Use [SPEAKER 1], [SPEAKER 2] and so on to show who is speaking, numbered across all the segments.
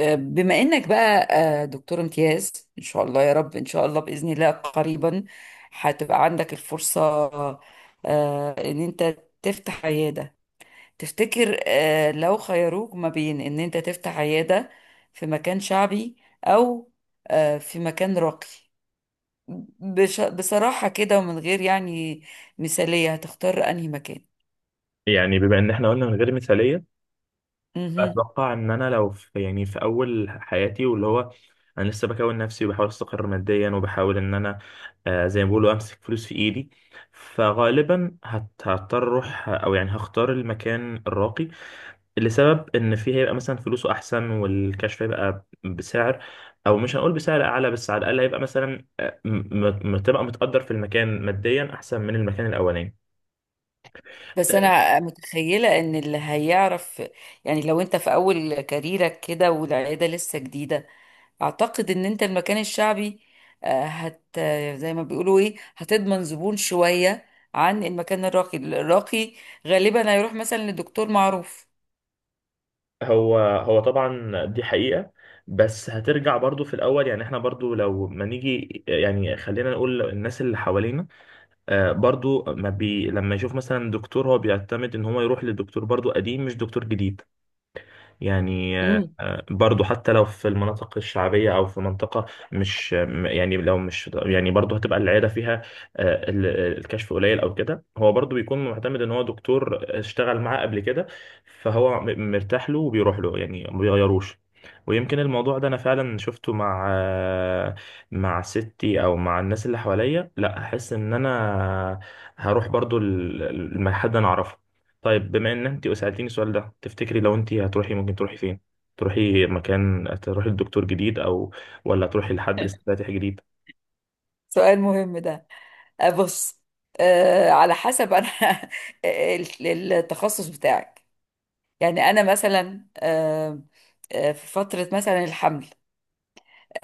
[SPEAKER 1] بما انك بقى دكتور امتياز ان شاء الله يا رب ان شاء الله باذن الله قريبا هتبقى عندك الفرصه ان انت تفتح عياده تفتكر لو خيروك ما بين ان انت تفتح عياده في مكان شعبي او في مكان راقي بصراحه كده ومن غير يعني مثاليه هتختار انهي مكان
[SPEAKER 2] يعني بما ان احنا قلنا من غير مثاليه،
[SPEAKER 1] مهم.
[SPEAKER 2] فاتوقع ان انا لو في يعني في اول حياتي واللي هو انا لسه بكون نفسي، وبحاول استقر ماديا، وبحاول ان انا زي ما بيقولوا امسك فلوس في ايدي. فغالبا هضطر اروح، او يعني هختار المكان الراقي، لسبب ان فيه هيبقى مثلا فلوسه احسن، والكشف هيبقى بسعر، او مش هنقول بسعر اعلى، بس على الاقل هيبقى مثلا تبقى متقدر في المكان ماديا احسن من المكان الاولاني.
[SPEAKER 1] بس انا متخيله ان اللي هيعرف يعني لو انت في اول كاريرك كده والعياده لسه جديده اعتقد ان انت المكان الشعبي آه، هت آه، زي ما بيقولوا ايه هتضمن زبون شويه عن المكان الراقي الراقي غالبا هيروح مثلا لدكتور معروف.
[SPEAKER 2] هو طبعا دي حقيقة. بس هترجع برضو في الأول، يعني احنا برضو لو ما نيجي، يعني خلينا نقول الناس اللي حوالينا برضو ما بي لما يشوف مثلا دكتور، هو بيعتمد ان هو يروح لدكتور برضو قديم مش دكتور جديد. يعني
[SPEAKER 1] امم.
[SPEAKER 2] برضو حتى لو في المناطق الشعبية أو في منطقة مش يعني لو مش، يعني برضو هتبقى العيادة فيها آه، ال- الكشف قليل أو كده، هو برضو بيكون معتمد إن هو دكتور اشتغل معاه قبل كده، فهو مرتاح له وبيروح له، يعني ما بيغيروش. ويمكن الموضوع ده أنا فعلا شفته مع مع ستي أو مع الناس اللي حواليا، لا أحس إن أنا هروح برضو حد أنا أعرفه. طيب، بما ان انت سألتيني السؤال ده، تفتكري لو انت هتروحي ممكن تروحي فين؟ تروحي مكان، تروحي لدكتور جديد، ولا تروحي لحد لسه فاتح جديد؟
[SPEAKER 1] سؤال مهم ده. بص، على حسب انا. التخصص بتاعك، يعني انا مثلا، في فتره مثلا الحمل،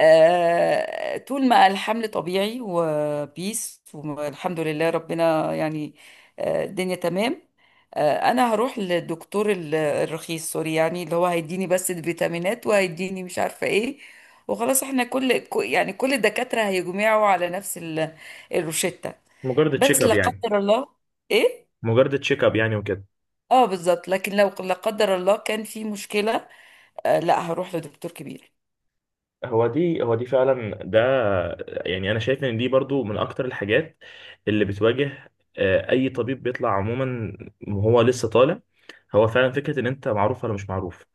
[SPEAKER 1] طول ما الحمل طبيعي وبيس والحمد لله ربنا يعني الدنيا تمام. انا هروح للدكتور الرخيص سوري يعني اللي هو هيديني بس الفيتامينات وهيديني مش عارفة ايه وخلاص احنا يعني كل الدكاترة هيجمعوا على نفس الروشتة.
[SPEAKER 2] مجرد تشيك
[SPEAKER 1] بس لا
[SPEAKER 2] اب يعني.
[SPEAKER 1] قدر الله. ايه،
[SPEAKER 2] مجرد تشيك اب يعني وكده.
[SPEAKER 1] اه بالظبط. لكن لو لا قدر الله كان في مشكلة لا هروح لدكتور كبير.
[SPEAKER 2] هو دي فعلا ده، يعني انا شايف ان دي برضو من اكتر الحاجات اللي بتواجه اي طبيب بيطلع عموما وهو لسه طالع. هو فعلا فكرة ان انت معروف ولا مش معروف،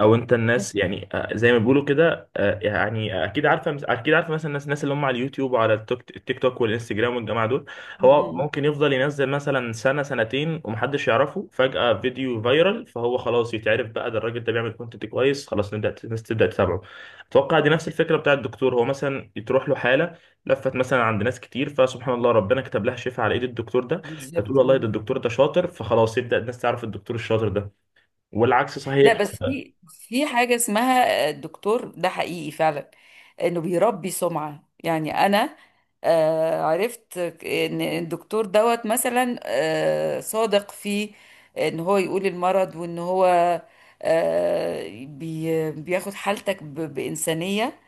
[SPEAKER 2] او انت
[SPEAKER 1] م-
[SPEAKER 2] الناس، يعني زي ما بيقولوا كده، يعني اكيد عارفه اكيد عارفه مثلا الناس اللي هم على اليوتيوب وعلى التيك توك والانستجرام والجماعه دول.
[SPEAKER 1] م-
[SPEAKER 2] هو
[SPEAKER 1] م.
[SPEAKER 2] ممكن يفضل ينزل مثلا سنه سنتين ومحدش يعرفه، فجاه فيديو فايرال، فهو خلاص يتعرف بقى، ده الراجل ده بيعمل كونتنت كويس، خلاص نبدا الناس تبدا تتابعه. اتوقع دي نفس الفكره بتاع الدكتور. هو مثلا تروح له حاله لفت مثلا عند ناس كتير، فسبحان الله ربنا كتب لها شفاء على ايد الدكتور ده،
[SPEAKER 1] بالظبط.
[SPEAKER 2] فتقول والله ده الدكتور ده شاطر. فخلاص يبدا الناس تعرف الدكتور الشاطر ده، والعكس
[SPEAKER 1] لا
[SPEAKER 2] صحيح.
[SPEAKER 1] بس في حاجة اسمها الدكتور ده حقيقي فعلا انه بيربي سمعة. يعني انا عرفت ان الدكتور دوت مثلا صادق في ان هو يقول المرض وان هو بياخد حالتك بإنسانية،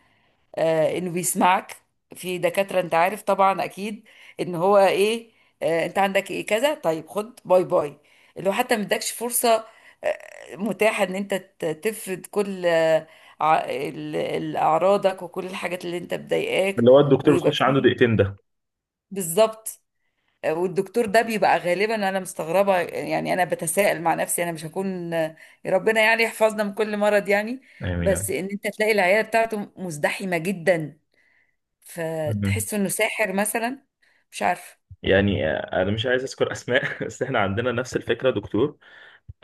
[SPEAKER 1] انه بيسمعك. في دكاترة انت عارف طبعا اكيد ان هو ايه، انت عندك ايه كذا طيب خد باي باي، اللي هو حتى ما ادكش فرصة متاحة ان انت تفرد كل اعراضك وكل الحاجات اللي انت مضايقاك
[SPEAKER 2] اللي هو الدكتور
[SPEAKER 1] ويبقى
[SPEAKER 2] بتخش عنده
[SPEAKER 1] فيه.
[SPEAKER 2] دقيقتين ده
[SPEAKER 1] بالظبط. والدكتور ده بيبقى غالبا انا مستغربة، يعني انا بتساءل مع نفسي انا مش هكون ربنا يعني يحفظنا من كل مرض يعني،
[SPEAKER 2] يعني.
[SPEAKER 1] بس ان انت تلاقي العيادة بتاعته مزدحمة جدا
[SPEAKER 2] مم.
[SPEAKER 1] فتحس انه ساحر مثلا. مش عارفه.
[SPEAKER 2] يعني انا مش عايز اذكر اسماء بس احنا عندنا نفس الفكره. دكتور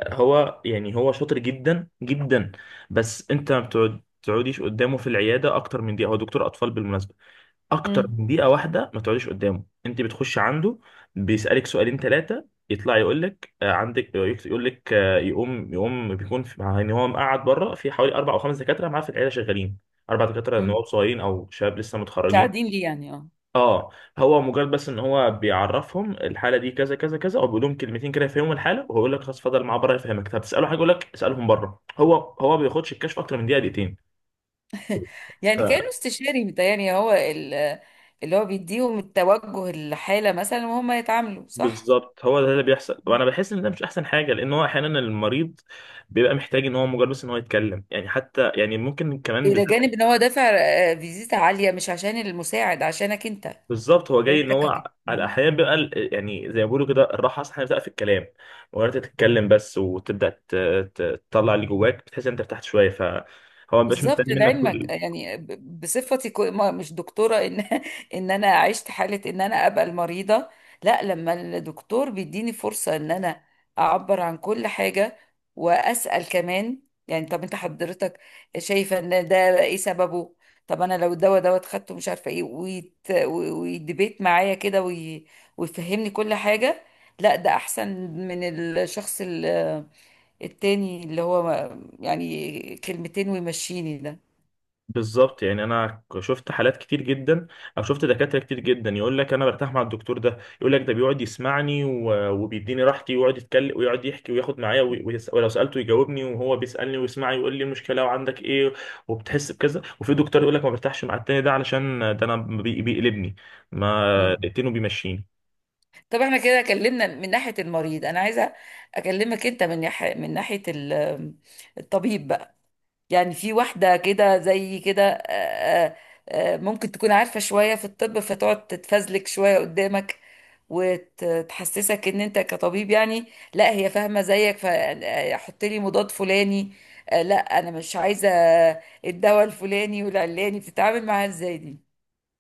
[SPEAKER 2] هو يعني هو شاطر جدا جدا، بس انت ما تقعديش قدامه في العياده اكتر من دقيقه. هو دكتور اطفال بالمناسبه. اكتر
[SPEAKER 1] امم.
[SPEAKER 2] من دقيقه واحده ما تقعديش قدامه، انت بتخش عنده، بيسالك سؤالين ثلاثه، يطلع يقول لك عندك، يقول لك يقوم بيكون في، يعني هو مقعد بره، في حوالي اربع او خمس دكاتره معاه في العياده شغالين، اربع دكاتره
[SPEAKER 1] امم،
[SPEAKER 2] نواب صغيرين او شباب لسه متخرجين.
[SPEAKER 1] مساعدين ليه يعني اه.
[SPEAKER 2] اه، هو مجرد بس ان هو بيعرفهم الحاله دي كذا كذا كذا، او بيقول لهم كلمتين كده يفهموا الحاله، وهو يقول لك خلاص اتفضل معاه بره يفهمك. طب تساله حاجه يقول لك اسالهم بره. هو ما بياخدش الكشف اكتر من دقيقه دقيقتين.
[SPEAKER 1] يعني كانه
[SPEAKER 2] ف-
[SPEAKER 1] استشاري متهيألي هو اللي هو بيديهم التوجه الحالة مثلا وهم يتعاملوا صح.
[SPEAKER 2] بالظبط، هو ده اللي بيحصل، وانا بحس ان ده مش احسن حاجه، لان هو احيانا المريض بيبقى محتاج ان هو مجرد بس ان هو يتكلم يعني، حتى يعني ممكن كمان.
[SPEAKER 1] إلى جانب إن هو دافع فيزيتا عالية مش عشان المساعد عشانك أنت عشان
[SPEAKER 2] بالظبط، هو جاي
[SPEAKER 1] أنت
[SPEAKER 2] ان هو
[SPEAKER 1] كدكتور.
[SPEAKER 2] على الاحيان بيبقى يعني زي ما بيقولوا كده، الراحه اصلا بتبقى في الكلام، وانت تتكلم بس وتبدا تطلع اللي جواك، بتحس ان انت ارتحت شويه، فهو ما بيبقاش
[SPEAKER 1] بالظبط
[SPEAKER 2] مستني منك
[SPEAKER 1] لعلمك،
[SPEAKER 2] كل.
[SPEAKER 1] يعني بصفتي مش دكتورة ان ان انا عشت حالة ان انا ابقى المريضة. لا لما الدكتور بيديني فرصة ان انا اعبر عن كل حاجة واسأل كمان، يعني طب انت حضرتك شايفة ان ده ايه سببه، طب انا لو الدواء دوت خدته مش عارفة ايه ويدبيت معايا كده ويفهمني كل حاجة، لا ده احسن من الشخص التاني اللي هو يعني كلمتين ويمشيني ده.
[SPEAKER 2] بالظبط، يعني انا شفت حالات كتير جدا، او شفت دكاتره كتير جدا يقول لك: انا برتاح مع الدكتور ده. يقول لك: ده بيقعد يسمعني وبيديني راحتي، ويقعد يتكلم ويقعد يحكي وياخد معايا ولو سالته يجاوبني، وهو بيسالني ويسمعني ويقول لي المشكله وعندك ايه، وبتحس بكذا. وفي دكتور يقول لك: ما برتاحش مع التاني ده، علشان ده انا بيقلبني، ما
[SPEAKER 1] مم.
[SPEAKER 2] دقتين وبيمشيني.
[SPEAKER 1] طب احنا كده اتكلمنا من ناحية المريض، انا عايزة اكلمك انت من ناحية من ناحية الطبيب بقى. يعني في واحدة كده زي كده ممكن تكون عارفة شوية في الطب فتقعد تتفزلك شوية قدامك وتحسسك ان انت كطبيب يعني لا هي فاهمة زيك فحط لي مضاد فلاني، لا انا مش عايزة الدواء الفلاني والعلاني، بتتعامل معاها ازاي دي؟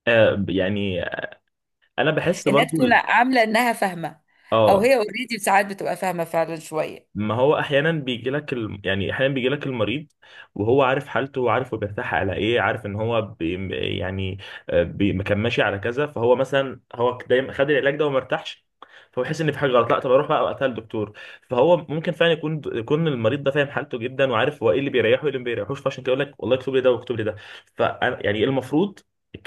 [SPEAKER 2] يعني انا بحس
[SPEAKER 1] انها
[SPEAKER 2] برضو
[SPEAKER 1] تكون عاملة انها فاهمة او
[SPEAKER 2] اه
[SPEAKER 1] هي اوريدي ساعات بتبقى فاهمة فعلا شوية.
[SPEAKER 2] ما هو احيانا بيجي لك يعني احيانا بيجي لك المريض وهو عارف حالته وعارف هو بيرتاح على ايه، عارف ان هو يعني ما كان ماشي على كذا. فهو مثلا هو دايما خد العلاج ده وما ارتاحش، فهو يحس ان في حاجه غلط، لا طب اروح بقى وقتها للدكتور. فهو ممكن فعلا يكون المريض ده فاهم حالته جدا، وعارف هو ايه اللي بيريحه وايه اللي ما بيريحوش، فعشان كده يقول لك والله اكتب لي ده واكتب لي ده. فانا يعني المفروض،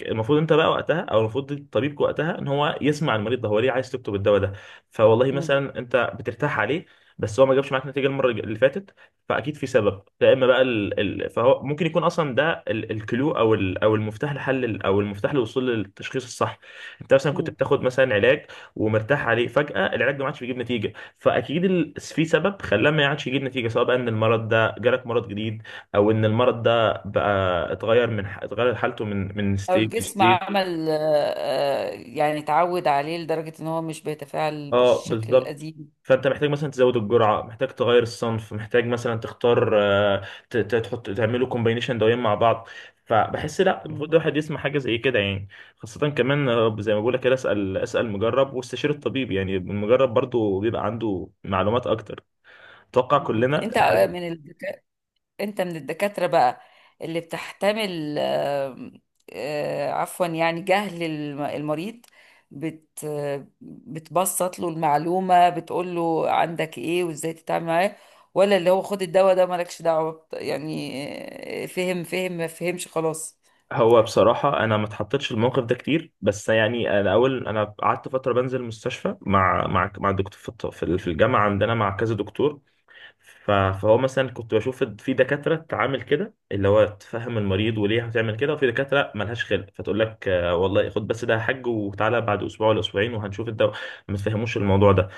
[SPEAKER 2] المفروض انت بقى وقتها، او المفروض الطبيب وقتها ان هو يسمع المريض ده هو ليه عايز تكتب الدواء ده. فوالله
[SPEAKER 1] مم.
[SPEAKER 2] مثلا انت بترتاح عليه، بس هو ما جابش معاك نتيجه المره اللي فاتت. فاكيد في سبب، يا اما بقى فهو ممكن يكون اصلا ده الكلو، او او المفتاح لحل، او المفتاح للوصول للتشخيص الصح. انت مثلا كنت
[SPEAKER 1] مم.
[SPEAKER 2] بتاخد مثلا علاج ومرتاح عليه، فجاه العلاج ده ما عادش بيجيب نتيجه، فاكيد في سبب خلاه ما عادش يجيب نتيجه، سواء بقى ان المرض ده جالك مرض جديد، او ان المرض ده بقى اتغير من اتغير حالته من
[SPEAKER 1] او
[SPEAKER 2] ستيج
[SPEAKER 1] الجسم
[SPEAKER 2] لستيج.
[SPEAKER 1] عمل يعني اتعود عليه لدرجة ان هو مش بيتفاعل
[SPEAKER 2] اه
[SPEAKER 1] بالشكل
[SPEAKER 2] بالظبط.
[SPEAKER 1] القديم.
[SPEAKER 2] فانت محتاج مثلا تزود الجرعه، محتاج تغير الصنف، محتاج مثلا تختار، تحط، تعملوا كومبينيشن دوايين مع بعض. فبحس لا، المفروض
[SPEAKER 1] مم.
[SPEAKER 2] الواحد يسمع حاجه زي كده يعني. خاصه كمان، زي ما بقول لك كده، اسال اسال مجرب واستشير الطبيب، يعني المجرب برضو بيبقى عنده معلومات اكتر. اتوقع
[SPEAKER 1] مم.
[SPEAKER 2] كلنا
[SPEAKER 1] انت من الدكا، انت من الدكاترة بقى اللي بتحتمل عفوا يعني جهل المريض، بت... بتبسط له المعلومة بتقول له عندك ايه وازاي تتعامل معاه، ولا اللي هو خد الدواء ده مالكش دعوة يعني فهم فهم ما فهمش خلاص.
[SPEAKER 2] هو بصراحه انا ما اتحطيتش في الموقف ده كتير، بس يعني انا اول انا قعدت فتره بنزل المستشفى مع الدكتور في في الجامعه عندنا مع كذا دكتور. فهو مثلا كنت بشوف في دكاترة تعامل كده، اللي هو تفهم المريض وليه هتعمل كده، وفي دكاترة ملهاش خلق فتقول لك والله خد بس ده، حج وتعالى بعد أسبوع ولا أسبوعين وهنشوف الدواء. ما تفهموش الموضوع ده.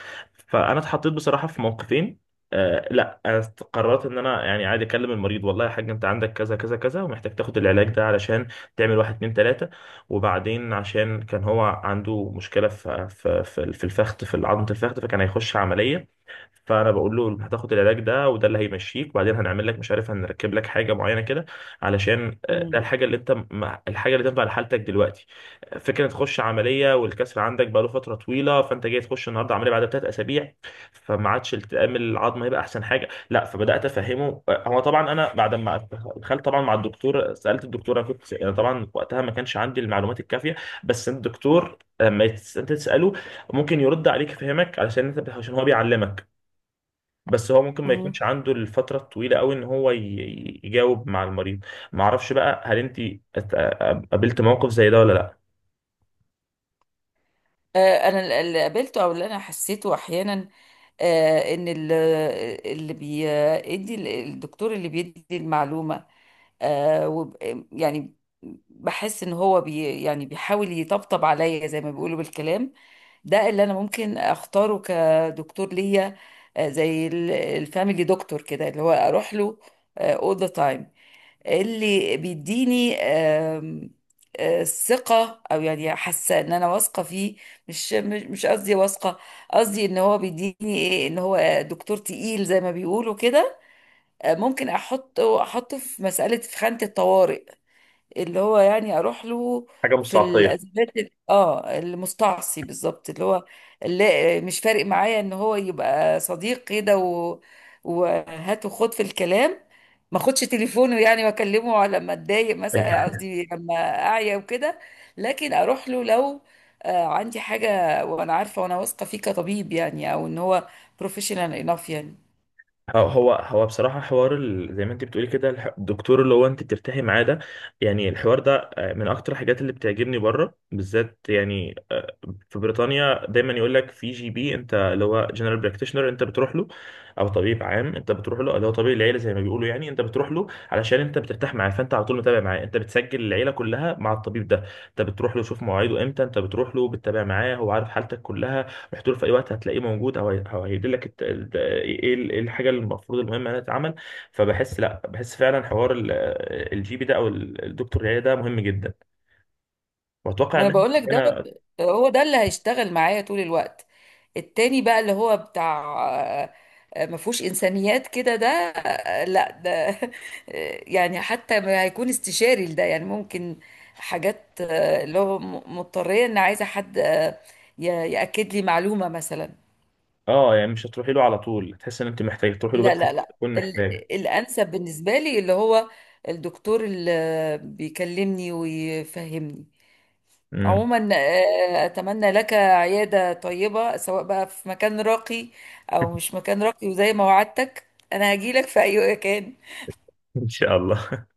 [SPEAKER 2] فأنا اتحطيت بصراحة في موقفين. لا، أنا قررت إن أنا يعني عادي أكلم المريض، والله يا حاج أنت عندك كذا كذا كذا ومحتاج تاخد العلاج ده علشان تعمل واحد اتنين تلاتة. وبعدين عشان كان هو عنده مشكلة في الفخذ، في عظمة الفخذ، فكان هيخش عملية. فانا بقول له انت هتاخد العلاج ده، وده اللي هيمشيك، وبعدين هنعمل لك مش عارف، هنركب لك حاجه معينه كده، علشان ده الحاجه اللي انت الحاجه اللي تنفع لحالتك دلوقتي. فكره تخش عمليه والكسر عندك بقاله فتره طويله، فانت جاي تخش النهارده عمليه بعد 3 اسابيع، فما عادش التئام العظم هيبقى احسن حاجه. لا، فبدات افهمه. هو طبعا انا بعد ما دخلت طبعا مع الدكتور، سالت الدكتور، انا كنت انا طبعا وقتها ما كانش عندي المعلومات الكافيه. بس الدكتور لما انت تساله ممكن يرد عليك يفهمك، علشان انت عشان هو بيعلمك. بس هو ممكن ما
[SPEAKER 1] مم.
[SPEAKER 2] يكونش عنده الفترة الطويلة قوي ان هو يجاوب مع المريض. ما اعرفش بقى هل انت ات- قابلت موقف زي ده ولا لا.
[SPEAKER 1] انا اللي قابلته او اللي انا حسيته احيانا ان اللي بيدي الدكتور اللي بيدي المعلومه آه، وب- يعني بحس ان هو بي يعني بيحاول يطبطب عليا زي ما بيقولوا بالكلام، ده اللي انا ممكن اختاره كدكتور ليا. زي الفاميلي دكتور كده اللي هو اروح له all the time، اللي بيديني آم، آه، ثقة أو يعني حاسة إن أنا واثقة فيه. مش قصدي واثقة، قصدي إن هو بيديني إيه إن هو دكتور تقيل زي ما بيقولوا كده ممكن أحطه في مسألة في خانة الطوارئ اللي هو يعني اروح له
[SPEAKER 2] حاجة مش
[SPEAKER 1] في
[SPEAKER 2] تعاطية.
[SPEAKER 1] الازمات اه المستعصي بالظبط، اللي هو اللي مش فارق معايا ان هو يبقى صديق كده و، وهات وخد في الكلام، ما اخدش تليفونه يعني واكلمه على لما اتضايق مثلا قصدي لما اعيا وكده، لكن اروح له لو عندي حاجه وانا عارفه وانا واثقه فيه كطبيب يعني او ان هو بروفيشنال انف يعني.
[SPEAKER 2] هو بصراحة حوار زي ما انت بتقولي كده، الدكتور اللي هو انت بترتاحي معاه ده، يعني الحوار ده من اكتر الحاجات اللي بتعجبني بره بالذات، يعني في بريطانيا دايما يقول لك في GP، انت اللي هو جنرال براكتيشنر، انت بتروح له، او طبيب عام انت بتروح له اللي هو طبيب العيله، زي ما بيقولوا يعني، انت بتروح له علشان انت بترتاح معاه، فانت على طول متابع معاه، انت بتسجل العيله كلها مع الطبيب ده. انت بتروح له شوف مواعيده امتى، انت بتروح له بتتابع معاه، هو عارف حالتك كلها. رحت له في اي وقت هتلاقيه موجود، او أو هيديلك ايه إيه الحاجه اللي المفروض، المهمه انها تتعمل. فبحس لا، بحس فعلا حوار الـGP ده، او الدكتور العياده ده مهم جدا. واتوقع
[SPEAKER 1] ما انا
[SPEAKER 2] ان
[SPEAKER 1] بقول لك ده
[SPEAKER 2] انا،
[SPEAKER 1] هو ده اللي هيشتغل معايا طول الوقت. التاني بقى اللي هو بتاع ما فيهوش انسانيات كده، ده لا ده يعني حتى ما هيكون استشاري لده يعني ممكن حاجات اللي هو مضطريه ان عايزه حد ي- ياكد لي معلومه مثلا.
[SPEAKER 2] اه يعني مش هتروحي له على طول، تحس ان انت محتاجه تروحي له
[SPEAKER 1] لا
[SPEAKER 2] بس
[SPEAKER 1] لا لا
[SPEAKER 2] تكون
[SPEAKER 1] ال-
[SPEAKER 2] محتاجه.
[SPEAKER 1] الانسب بالنسبه لي اللي هو الدكتور اللي بيكلمني ويفهمني.
[SPEAKER 2] امم
[SPEAKER 1] عموما اتمنى لك عياده طيبه سواء بقى في مكان راقي او مش مكان راقي، وزي ما وعدتك انا هجيلك في اي مكان.
[SPEAKER 2] ان شاء الله.